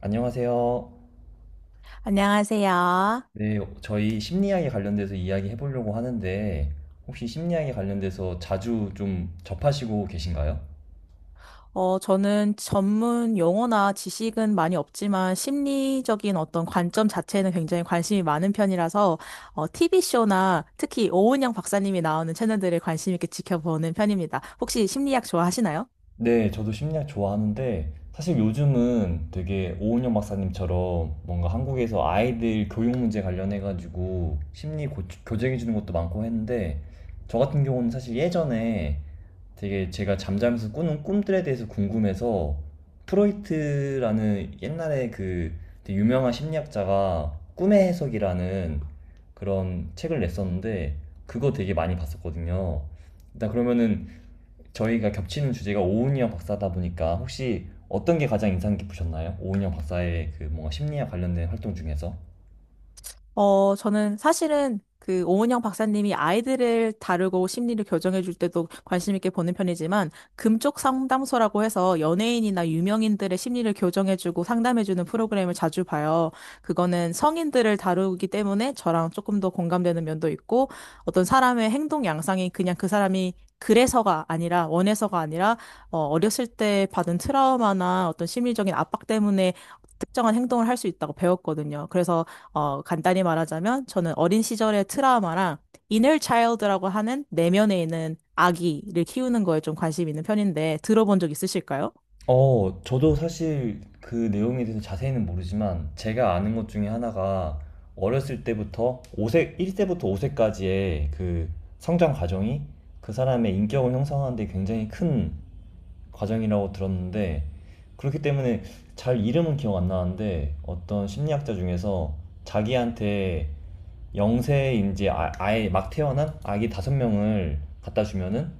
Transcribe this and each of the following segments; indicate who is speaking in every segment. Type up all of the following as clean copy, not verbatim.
Speaker 1: 안녕하세요.
Speaker 2: 안녕하세요.
Speaker 1: 네, 저희 심리학에 관련돼서 이야기 해보려고 하는데, 혹시 심리학에 관련돼서 자주 좀 접하시고 계신가요?
Speaker 2: 저는 전문 용어나 지식은 많이 없지만 심리적인 어떤 관점 자체는 굉장히 관심이 많은 편이라서 TV쇼나 특히 오은영 박사님이 나오는 채널들을 관심 있게 지켜보는 편입니다. 혹시 심리학 좋아하시나요?
Speaker 1: 네, 저도 심리학 좋아하는데, 사실 요즘은 되게 오은영 박사님처럼 뭔가 한국에서 아이들 교육 문제 관련해가지고 심리 교정해주는 것도 많고 했는데, 저 같은 경우는 사실 예전에 되게 제가 잠자면서 꾸는 꿈들에 대해서 궁금해서 프로이트라는 옛날에 그 되게 유명한 심리학자가 꿈의 해석이라는 그런 책을 냈었는데 그거 되게 많이 봤었거든요. 일단 그러면은, 저희가 겹치는 주제가 오은영 박사다 보니까, 혹시 어떤 게 가장 인상 깊으셨나요? 오은영 박사의 그 뭔가 심리학 관련된 활동 중에서?
Speaker 2: 저는 사실은 그 오은영 박사님이 아이들을 다루고 심리를 교정해 줄 때도 관심 있게 보는 편이지만 금쪽 상담소라고 해서 연예인이나 유명인들의 심리를 교정해 주고 상담해 주는 프로그램을 자주 봐요. 그거는 성인들을 다루기 때문에 저랑 조금 더 공감되는 면도 있고 어떤 사람의 행동 양상이 그냥 그 사람이 그래서가 아니라 원해서가 아니라 어렸을 때 받은 트라우마나 어떤 심리적인 압박 때문에 특정한 행동을 할 수 있다고 배웠거든요. 그래서 간단히 말하자면 저는 어린 시절의 트라우마랑 inner child라고 하는 내면에 있는 아기를 키우는 거에 좀 관심 있는 편인데 들어본 적 있으실까요?
Speaker 1: 어, 저도 사실 그 내용에 대해서 자세히는 모르지만, 제가 아는 것 중에 하나가 어렸을 때부터 오세 1세부터 5세까지의 그 성장 과정이 그 사람의 인격을 형성하는 데 굉장히 큰 과정이라고 들었는데, 그렇기 때문에 잘 이름은 기억 안 나는데, 어떤 심리학자 중에서 자기한테 영세인지 아예 막 태어난 아기 5명을 갖다 주면은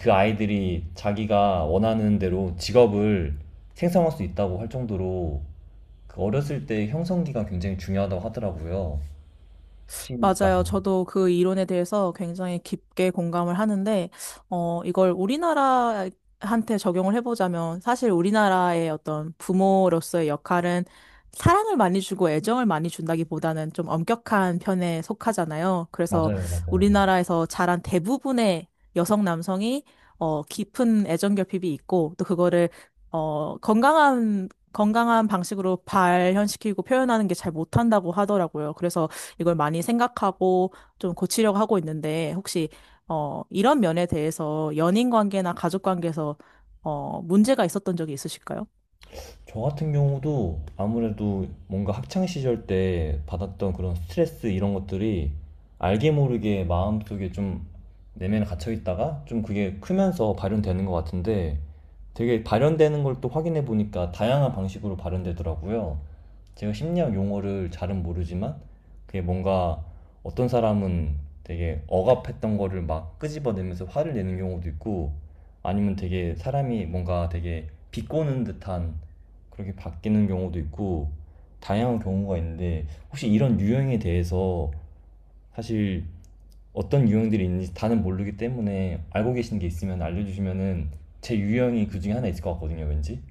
Speaker 1: 그 아이들이 자기가 원하는 대로 직업을 생성할 수 있다고 할 정도로 그 어렸을 때 형성기가 굉장히 중요하다고 하더라고요. 혹시
Speaker 2: 맞아요.
Speaker 1: 맞나요?
Speaker 2: 저도 그 이론에 대해서 굉장히 깊게 공감을 하는데, 이걸 우리나라한테 적용을 해보자면, 사실 우리나라의 어떤 부모로서의 역할은 사랑을 많이 주고 애정을 많이 준다기보다는 좀 엄격한 편에 속하잖아요. 그래서
Speaker 1: 맞아요, 맞아요.
Speaker 2: 우리나라에서 자란 대부분의 여성 남성이, 깊은 애정 결핍이 있고, 또 그거를, 건강한 방식으로 발현시키고 표현하는 게 잘 못한다고 하더라고요. 그래서 이걸 많이 생각하고 좀 고치려고 하고 있는데 혹시 이런 면에 대해서 연인 관계나 가족 관계에서 문제가 있었던 적이 있으실까요?
Speaker 1: 저 같은 경우도 아무래도 뭔가 학창 시절 때 받았던 그런 스트레스 이런 것들이 알게 모르게 마음속에 좀 내면에 갇혀 있다가 좀 그게 크면서 발현되는 것 같은데, 되게 발현되는 걸 또 확인해 보니까 다양한 방식으로 발현되더라고요. 제가 심리학 용어를 잘은 모르지만, 그게 뭔가 어떤 사람은 되게 억압했던 거를 막 끄집어내면서 화를 내는 경우도 있고, 아니면 되게 사람이 뭔가 되게 비꼬는 듯한 그렇게 바뀌는 경우도 있고, 다양한 경우가 있는데, 혹시 이런 유형에 대해서 사실 어떤 유형들이 있는지 다는 모르기 때문에 알고 계시는 게 있으면 알려주시면은, 제 유형이 그 중에 하나 있을 것 같거든요, 왠지.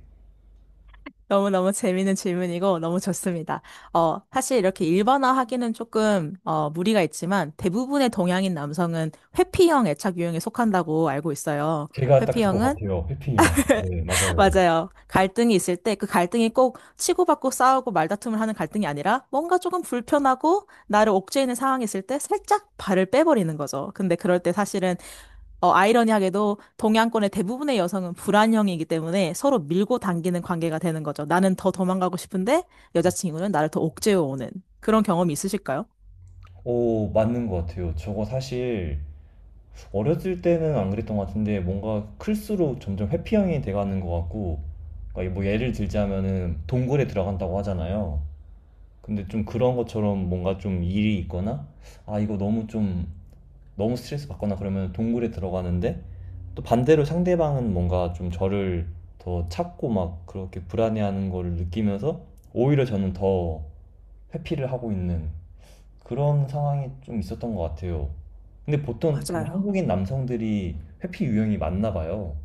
Speaker 2: 너무너무 재밌는 질문이고 너무 좋습니다. 사실 이렇게 일반화하기는 조금 무리가 있지만 대부분의 동양인 남성은 회피형 애착 유형에 속한다고 알고 있어요.
Speaker 1: 제가 딱 그거
Speaker 2: 회피형은
Speaker 1: 같아요, 해피형. 네, 맞아요.
Speaker 2: 맞아요. 갈등이 있을 때 그 갈등이 꼭 치고받고 싸우고 말다툼을 하는 갈등이 아니라 뭔가 조금 불편하고 나를 옥죄이는 상황이 있을 때 살짝 발을 빼버리는 거죠. 근데 그럴 때 사실은 아이러니하게도 동양권의 대부분의 여성은 불안형이기 때문에 서로 밀고 당기는 관계가 되는 거죠. 나는 더 도망가고 싶은데 여자친구는 나를 더 옥죄어 오는 그런 경험이 있으실까요?
Speaker 1: 오, 맞는 것 같아요. 저거 사실 어렸을 때는 안 그랬던 것 같은데 뭔가 클수록 점점 회피형이 돼가는 것 같고, 그러니까 뭐 예를 들자면은 동굴에 들어간다고 하잖아요. 근데 좀 그런 것처럼 뭔가 좀 일이 있거나, 아, 이거 너무 좀 너무 스트레스 받거나 그러면 동굴에 들어가는데, 또 반대로 상대방은 뭔가 좀 저를 더 찾고 막 그렇게 불안해하는 거를 느끼면서 오히려 저는 더 회피를 하고 있는 그런 상황이 좀 있었던 것 같아요. 근데 보통 그
Speaker 2: 맞아요.
Speaker 1: 한국인 남성들이 회피 유형이 맞나 봐요.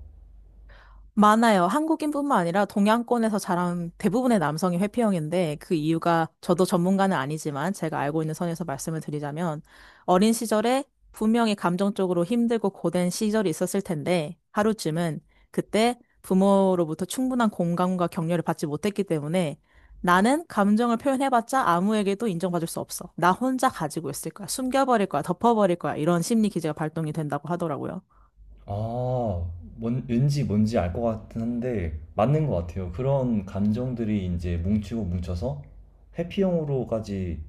Speaker 2: 많아요. 한국인뿐만 아니라 동양권에서 자란 대부분의 남성이 회피형인데 그 이유가 저도 전문가는 아니지만 제가 알고 있는 선에서 말씀을 드리자면 어린 시절에 분명히 감정적으로 힘들고 고된 시절이 있었을 텐데 하루쯤은 그때 부모로부터 충분한 공감과 격려를 받지 못했기 때문에 나는 감정을 표현해봤자 아무에게도 인정받을 수 없어. 나 혼자 가지고 있을 거야. 숨겨버릴 거야. 덮어버릴 거야. 이런 심리 기제가 발동이 된다고 하더라고요.
Speaker 1: 아, 왠지 뭔지 알 것 같긴 한데 맞는 것 같아요. 그런 감정들이 이제 뭉치고 뭉쳐서 회피형으로까지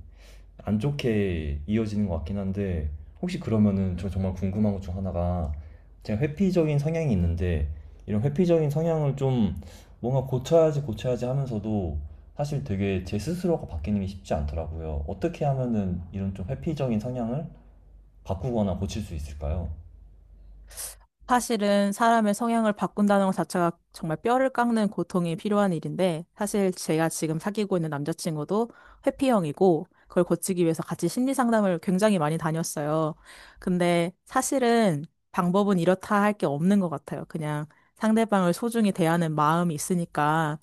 Speaker 1: 안 좋게 이어지는 것 같긴 한데, 혹시 그러면은 저 정말 궁금한 것 중 하나가, 제가 회피적인 성향이 있는데 이런 회피적인 성향을 좀 뭔가 고쳐야지 고쳐야지 하면서도 사실 되게 제 스스로가 바뀌는 게 쉽지 않더라고요. 어떻게 하면은 이런 좀 회피적인 성향을 바꾸거나 고칠 수 있을까요?
Speaker 2: 사실은 사람의 성향을 바꾼다는 것 자체가 정말 뼈를 깎는 고통이 필요한 일인데, 사실 제가 지금 사귀고 있는 남자친구도 회피형이고, 그걸 고치기 위해서 같이 심리 상담을 굉장히 많이 다녔어요. 근데 사실은 방법은 이렇다 할 게 없는 것 같아요. 그냥 상대방을 소중히 대하는 마음이 있으니까,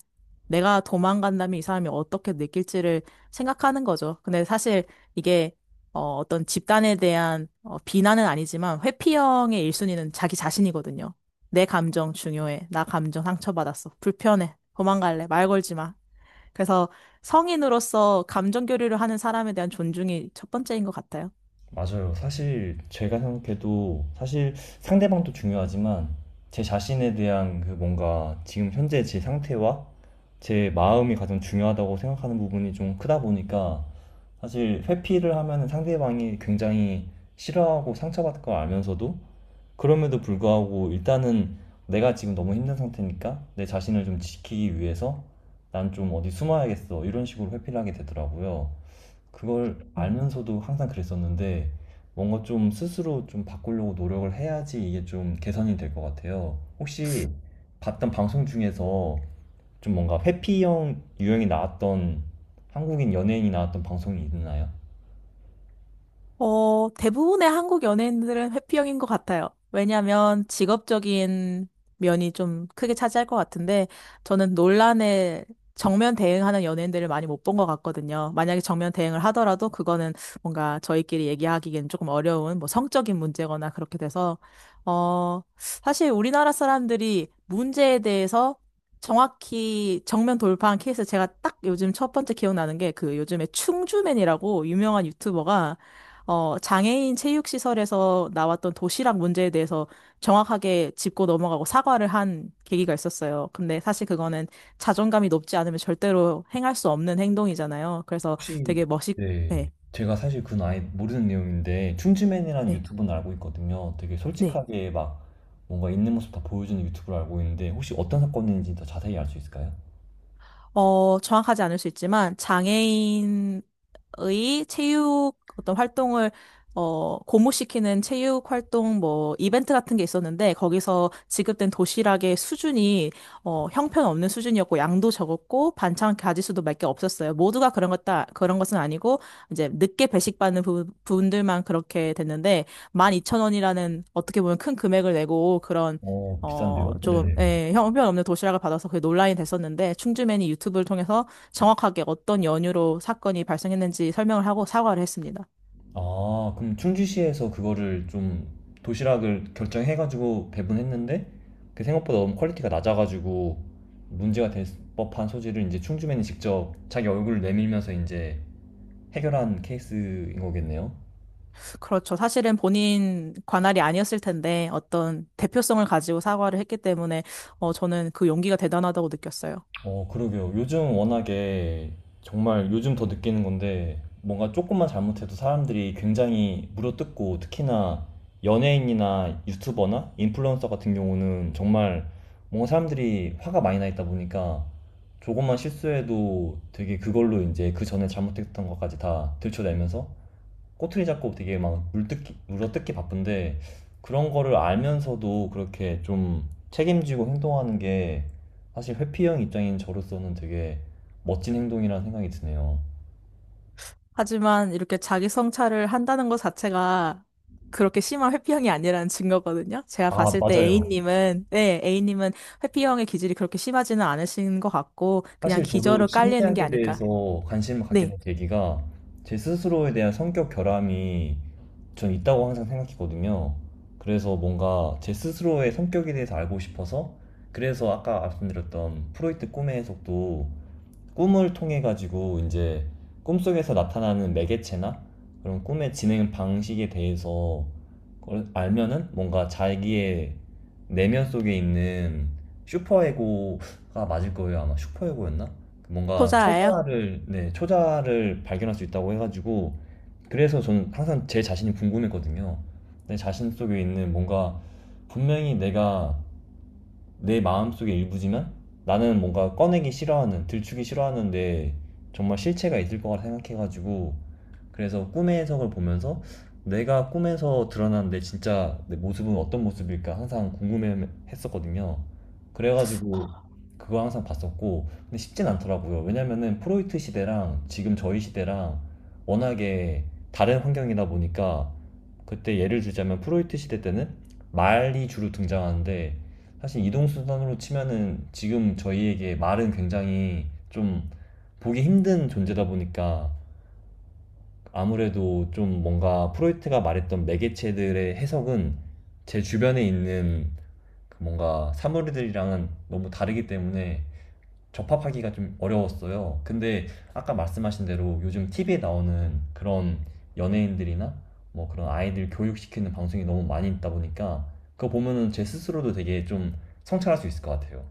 Speaker 2: 내가 도망간다면 이 사람이 어떻게 느낄지를 생각하는 거죠. 근데 사실 이게 어떤 집단에 대한 비난은 아니지만 회피형의 1순위는 자기 자신이거든요. 내 감정 중요해. 나 감정 상처받았어. 불편해. 도망갈래. 말 걸지 마. 그래서 성인으로서 감정 교류를 하는 사람에 대한 존중이 첫 번째인 것 같아요.
Speaker 1: 맞아요. 사실 제가 생각해도 사실 상대방도 중요하지만, 제 자신에 대한 그 뭔가 지금 현재 제 상태와 제 마음이 가장 중요하다고 생각하는 부분이 좀 크다 보니까, 사실 회피를 하면 상대방이 굉장히 싫어하고 상처받을 걸 알면서도 그럼에도 불구하고 일단은 내가 지금 너무 힘든 상태니까 내 자신을 좀 지키기 위해서 난 좀 어디 숨어야겠어 이런 식으로 회피를 하게 되더라고요. 그걸
Speaker 2: 음.
Speaker 1: 알면서도 항상 그랬었는데, 뭔가 좀 스스로 좀 바꾸려고 노력을 해야지 이게 좀 개선이 될 것 같아요. 혹시 봤던 방송 중에서 좀 뭔가 회피형 유형이 나왔던 한국인 연예인이 나왔던 방송이 있나요?
Speaker 2: 대부분의 한국 연예인들은 회피형인 것 같아요. 왜냐하면 직업적인 면이 좀 크게 차지할 것 같은데 저는 논란에 정면 대응하는 연예인들을 많이 못 본 것 같거든요. 만약에 정면 대응을 하더라도 그거는 뭔가 저희끼리 얘기하기에는 조금 어려운 뭐 성적인 문제거나 그렇게 돼서 사실 우리나라 사람들이 문제에 대해서 정확히 정면 돌파한 케이스 제가 딱 요즘 첫 번째 기억나는 게 그 요즘에 충주맨이라고 유명한 유튜버가 장애인 체육시설에서 나왔던 도시락 문제에 대해서 정확하게 짚고 넘어가고 사과를 한 계기가 있었어요. 근데 사실 그거는 자존감이 높지 않으면 절대로 행할 수 없는 행동이잖아요. 그래서
Speaker 1: 혹시
Speaker 2: 되게 멋있,
Speaker 1: 네,
Speaker 2: 네,
Speaker 1: 제가 사실 그건 아예 모르는 내용인데 춤즈맨이라는
Speaker 2: 네.
Speaker 1: 유튜브는 알고 있거든요. 되게
Speaker 2: 네.
Speaker 1: 솔직하게 막 뭔가 있는 모습 다 보여주는 유튜브를 알고 있는데, 혹시 어떤 사건인지 더 자세히 알 수 있을까요?
Speaker 2: 정확하지 않을 수 있지만, 장애인의 체육 어떤 활동을, 고무시키는 체육 활동 뭐, 이벤트 같은 게 있었는데, 거기서 지급된 도시락의 수준이, 형편없는 수준이었고, 양도 적었고, 반찬 가짓수도 몇 개 없었어요. 모두가 그런 것, 다, 그런 것은 아니고, 이제 늦게 배식받는 분들만 그렇게 됐는데, 12,000원이라는 어떻게 보면 큰 금액을 내고, 그런
Speaker 1: 어, 비싼데요? 네네.
Speaker 2: 예, 형편없는 도시락을 받아서 그게 논란이 됐었는데, 충주맨이 유튜브를 통해서 정확하게 어떤 연유로 사건이 발생했는지 설명을 하고 사과를 했습니다.
Speaker 1: 아, 그럼 충주시에서 그거를 좀 도시락을 결정해가지고 배분했는데, 그 생각보다 너무 퀄리티가 낮아가지고 문제가 될 법한 소지를 이제 충주맨이 직접 자기 얼굴을 내밀면서 이제 해결한 케이스인 거겠네요.
Speaker 2: 그렇죠. 사실은 본인 관할이 아니었을 텐데, 어떤 대표성을 가지고 사과를 했기 때문에, 저는 그 용기가 대단하다고 느꼈어요.
Speaker 1: 어, 그러게요. 요즘 워낙에, 정말 요즘 더 느끼는 건데, 뭔가 조금만 잘못해도 사람들이 굉장히 물어뜯고, 특히나 연예인이나 유튜버나 인플루언서 같은 경우는 정말 뭔가 사람들이 화가 많이 나 있다 보니까, 조금만 실수해도 되게 그걸로 이제 그 전에 잘못했던 것까지 다 들춰내면서 꼬투리 잡고 되게 막 물어뜯기 바쁜데, 그런 거를 알면서도 그렇게 좀 책임지고 행동하는 게 사실 회피형 입장인 저로서는 되게 멋진 행동이라는 생각이 드네요.
Speaker 2: 하지만 이렇게 자기 성찰을 한다는 것 자체가 그렇게 심한 회피형이 아니라는 증거거든요. 제가
Speaker 1: 아,
Speaker 2: 봤을 때
Speaker 1: 맞아요.
Speaker 2: A님은, 네, A님은 회피형의 기질이 그렇게 심하지는 않으신 것 같고, 그냥
Speaker 1: 사실 저도
Speaker 2: 기저로 깔리는 게
Speaker 1: 심리학에
Speaker 2: 아닐까.
Speaker 1: 대해서 관심을 갖게
Speaker 2: 네,
Speaker 1: 된 계기가, 제 스스로에 대한 성격 결함이 전 있다고 항상 생각했거든요. 그래서 뭔가 제 스스로의 성격에 대해서 알고 싶어서, 그래서 아까 말씀드렸던 프로이트 꿈의 해석도 꿈을 통해 가지고 이제 꿈속에서 나타나는 매개체나 그런 꿈의 진행 방식에 대해서 그걸 알면은 뭔가 자기의 내면 속에 있는 슈퍼에고가 맞을 거예요. 아마 슈퍼에고였나? 뭔가
Speaker 2: 토자예요.
Speaker 1: 초자를, 네, 초자를 발견할 수 있다고 해가지고, 그래서 저는 항상 제 자신이 궁금했거든요. 내 자신 속에 있는 뭔가 분명히 내가 내 마음속의 일부지만 나는 뭔가 꺼내기 싫어하는, 들추기 싫어하는데, 정말 실체가 있을 거라 생각해가지고 그래서 꿈의 해석을 보면서 내가 꿈에서 드러난 내 진짜 내 모습은 어떤 모습일까 항상 궁금했었거든요. 그래가지고 그거 항상 봤었고, 근데 쉽진 않더라고요. 왜냐면은 프로이트 시대랑 지금 저희 시대랑 워낙에 다른 환경이다 보니까, 그때 예를 들자면 프로이트 시대 때는 말이 주로 등장하는데, 사실 이동수단으로 치면은 지금 저희에게 말은 굉장히 좀 보기 힘든 존재다 보니까 아무래도 좀 뭔가 프로이트가 말했던 매개체들의 해석은 제 주변에 있는 그 뭔가 사물들이랑은 너무 다르기 때문에 접합하기가 좀 어려웠어요. 근데 아까 말씀하신 대로 요즘 TV에 나오는 그런 연예인들이나 뭐 그런 아이들 교육시키는 방송이 너무 많이 있다 보니까 그거 보면은 제 스스로도 되게 좀 성찰할 수 있을 것 같아요.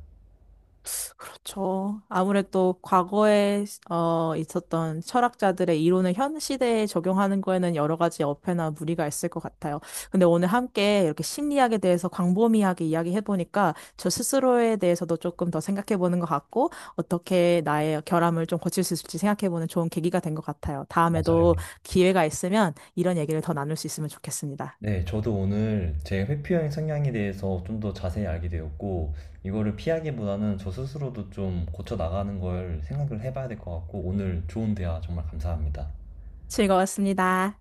Speaker 2: 그렇죠. 아무래도 과거에 있었던 철학자들의 이론을 현 시대에 적용하는 거에는 여러 가지 어폐나 무리가 있을 것 같아요. 근데 오늘 함께 이렇게 심리학에 대해서 광범위하게 이야기해보니까 저 스스로에 대해서도 조금 더 생각해보는 것 같고 어떻게 나의 결함을 좀 고칠 수 있을지 생각해보는 좋은 계기가 된 것 같아요.
Speaker 1: 맞아요.
Speaker 2: 다음에도 기회가 있으면 이런 얘기를 더 나눌 수 있으면 좋겠습니다.
Speaker 1: 네, 저도 오늘 제 회피형 성향에 대해서 좀 더 자세히 알게 되었고, 이거를 피하기보다는 저 스스로도 좀 고쳐 나가는 걸 생각을 해봐야 될 것 같고, 오늘 좋은 대화 정말 감사합니다.
Speaker 2: 즐거웠습니다.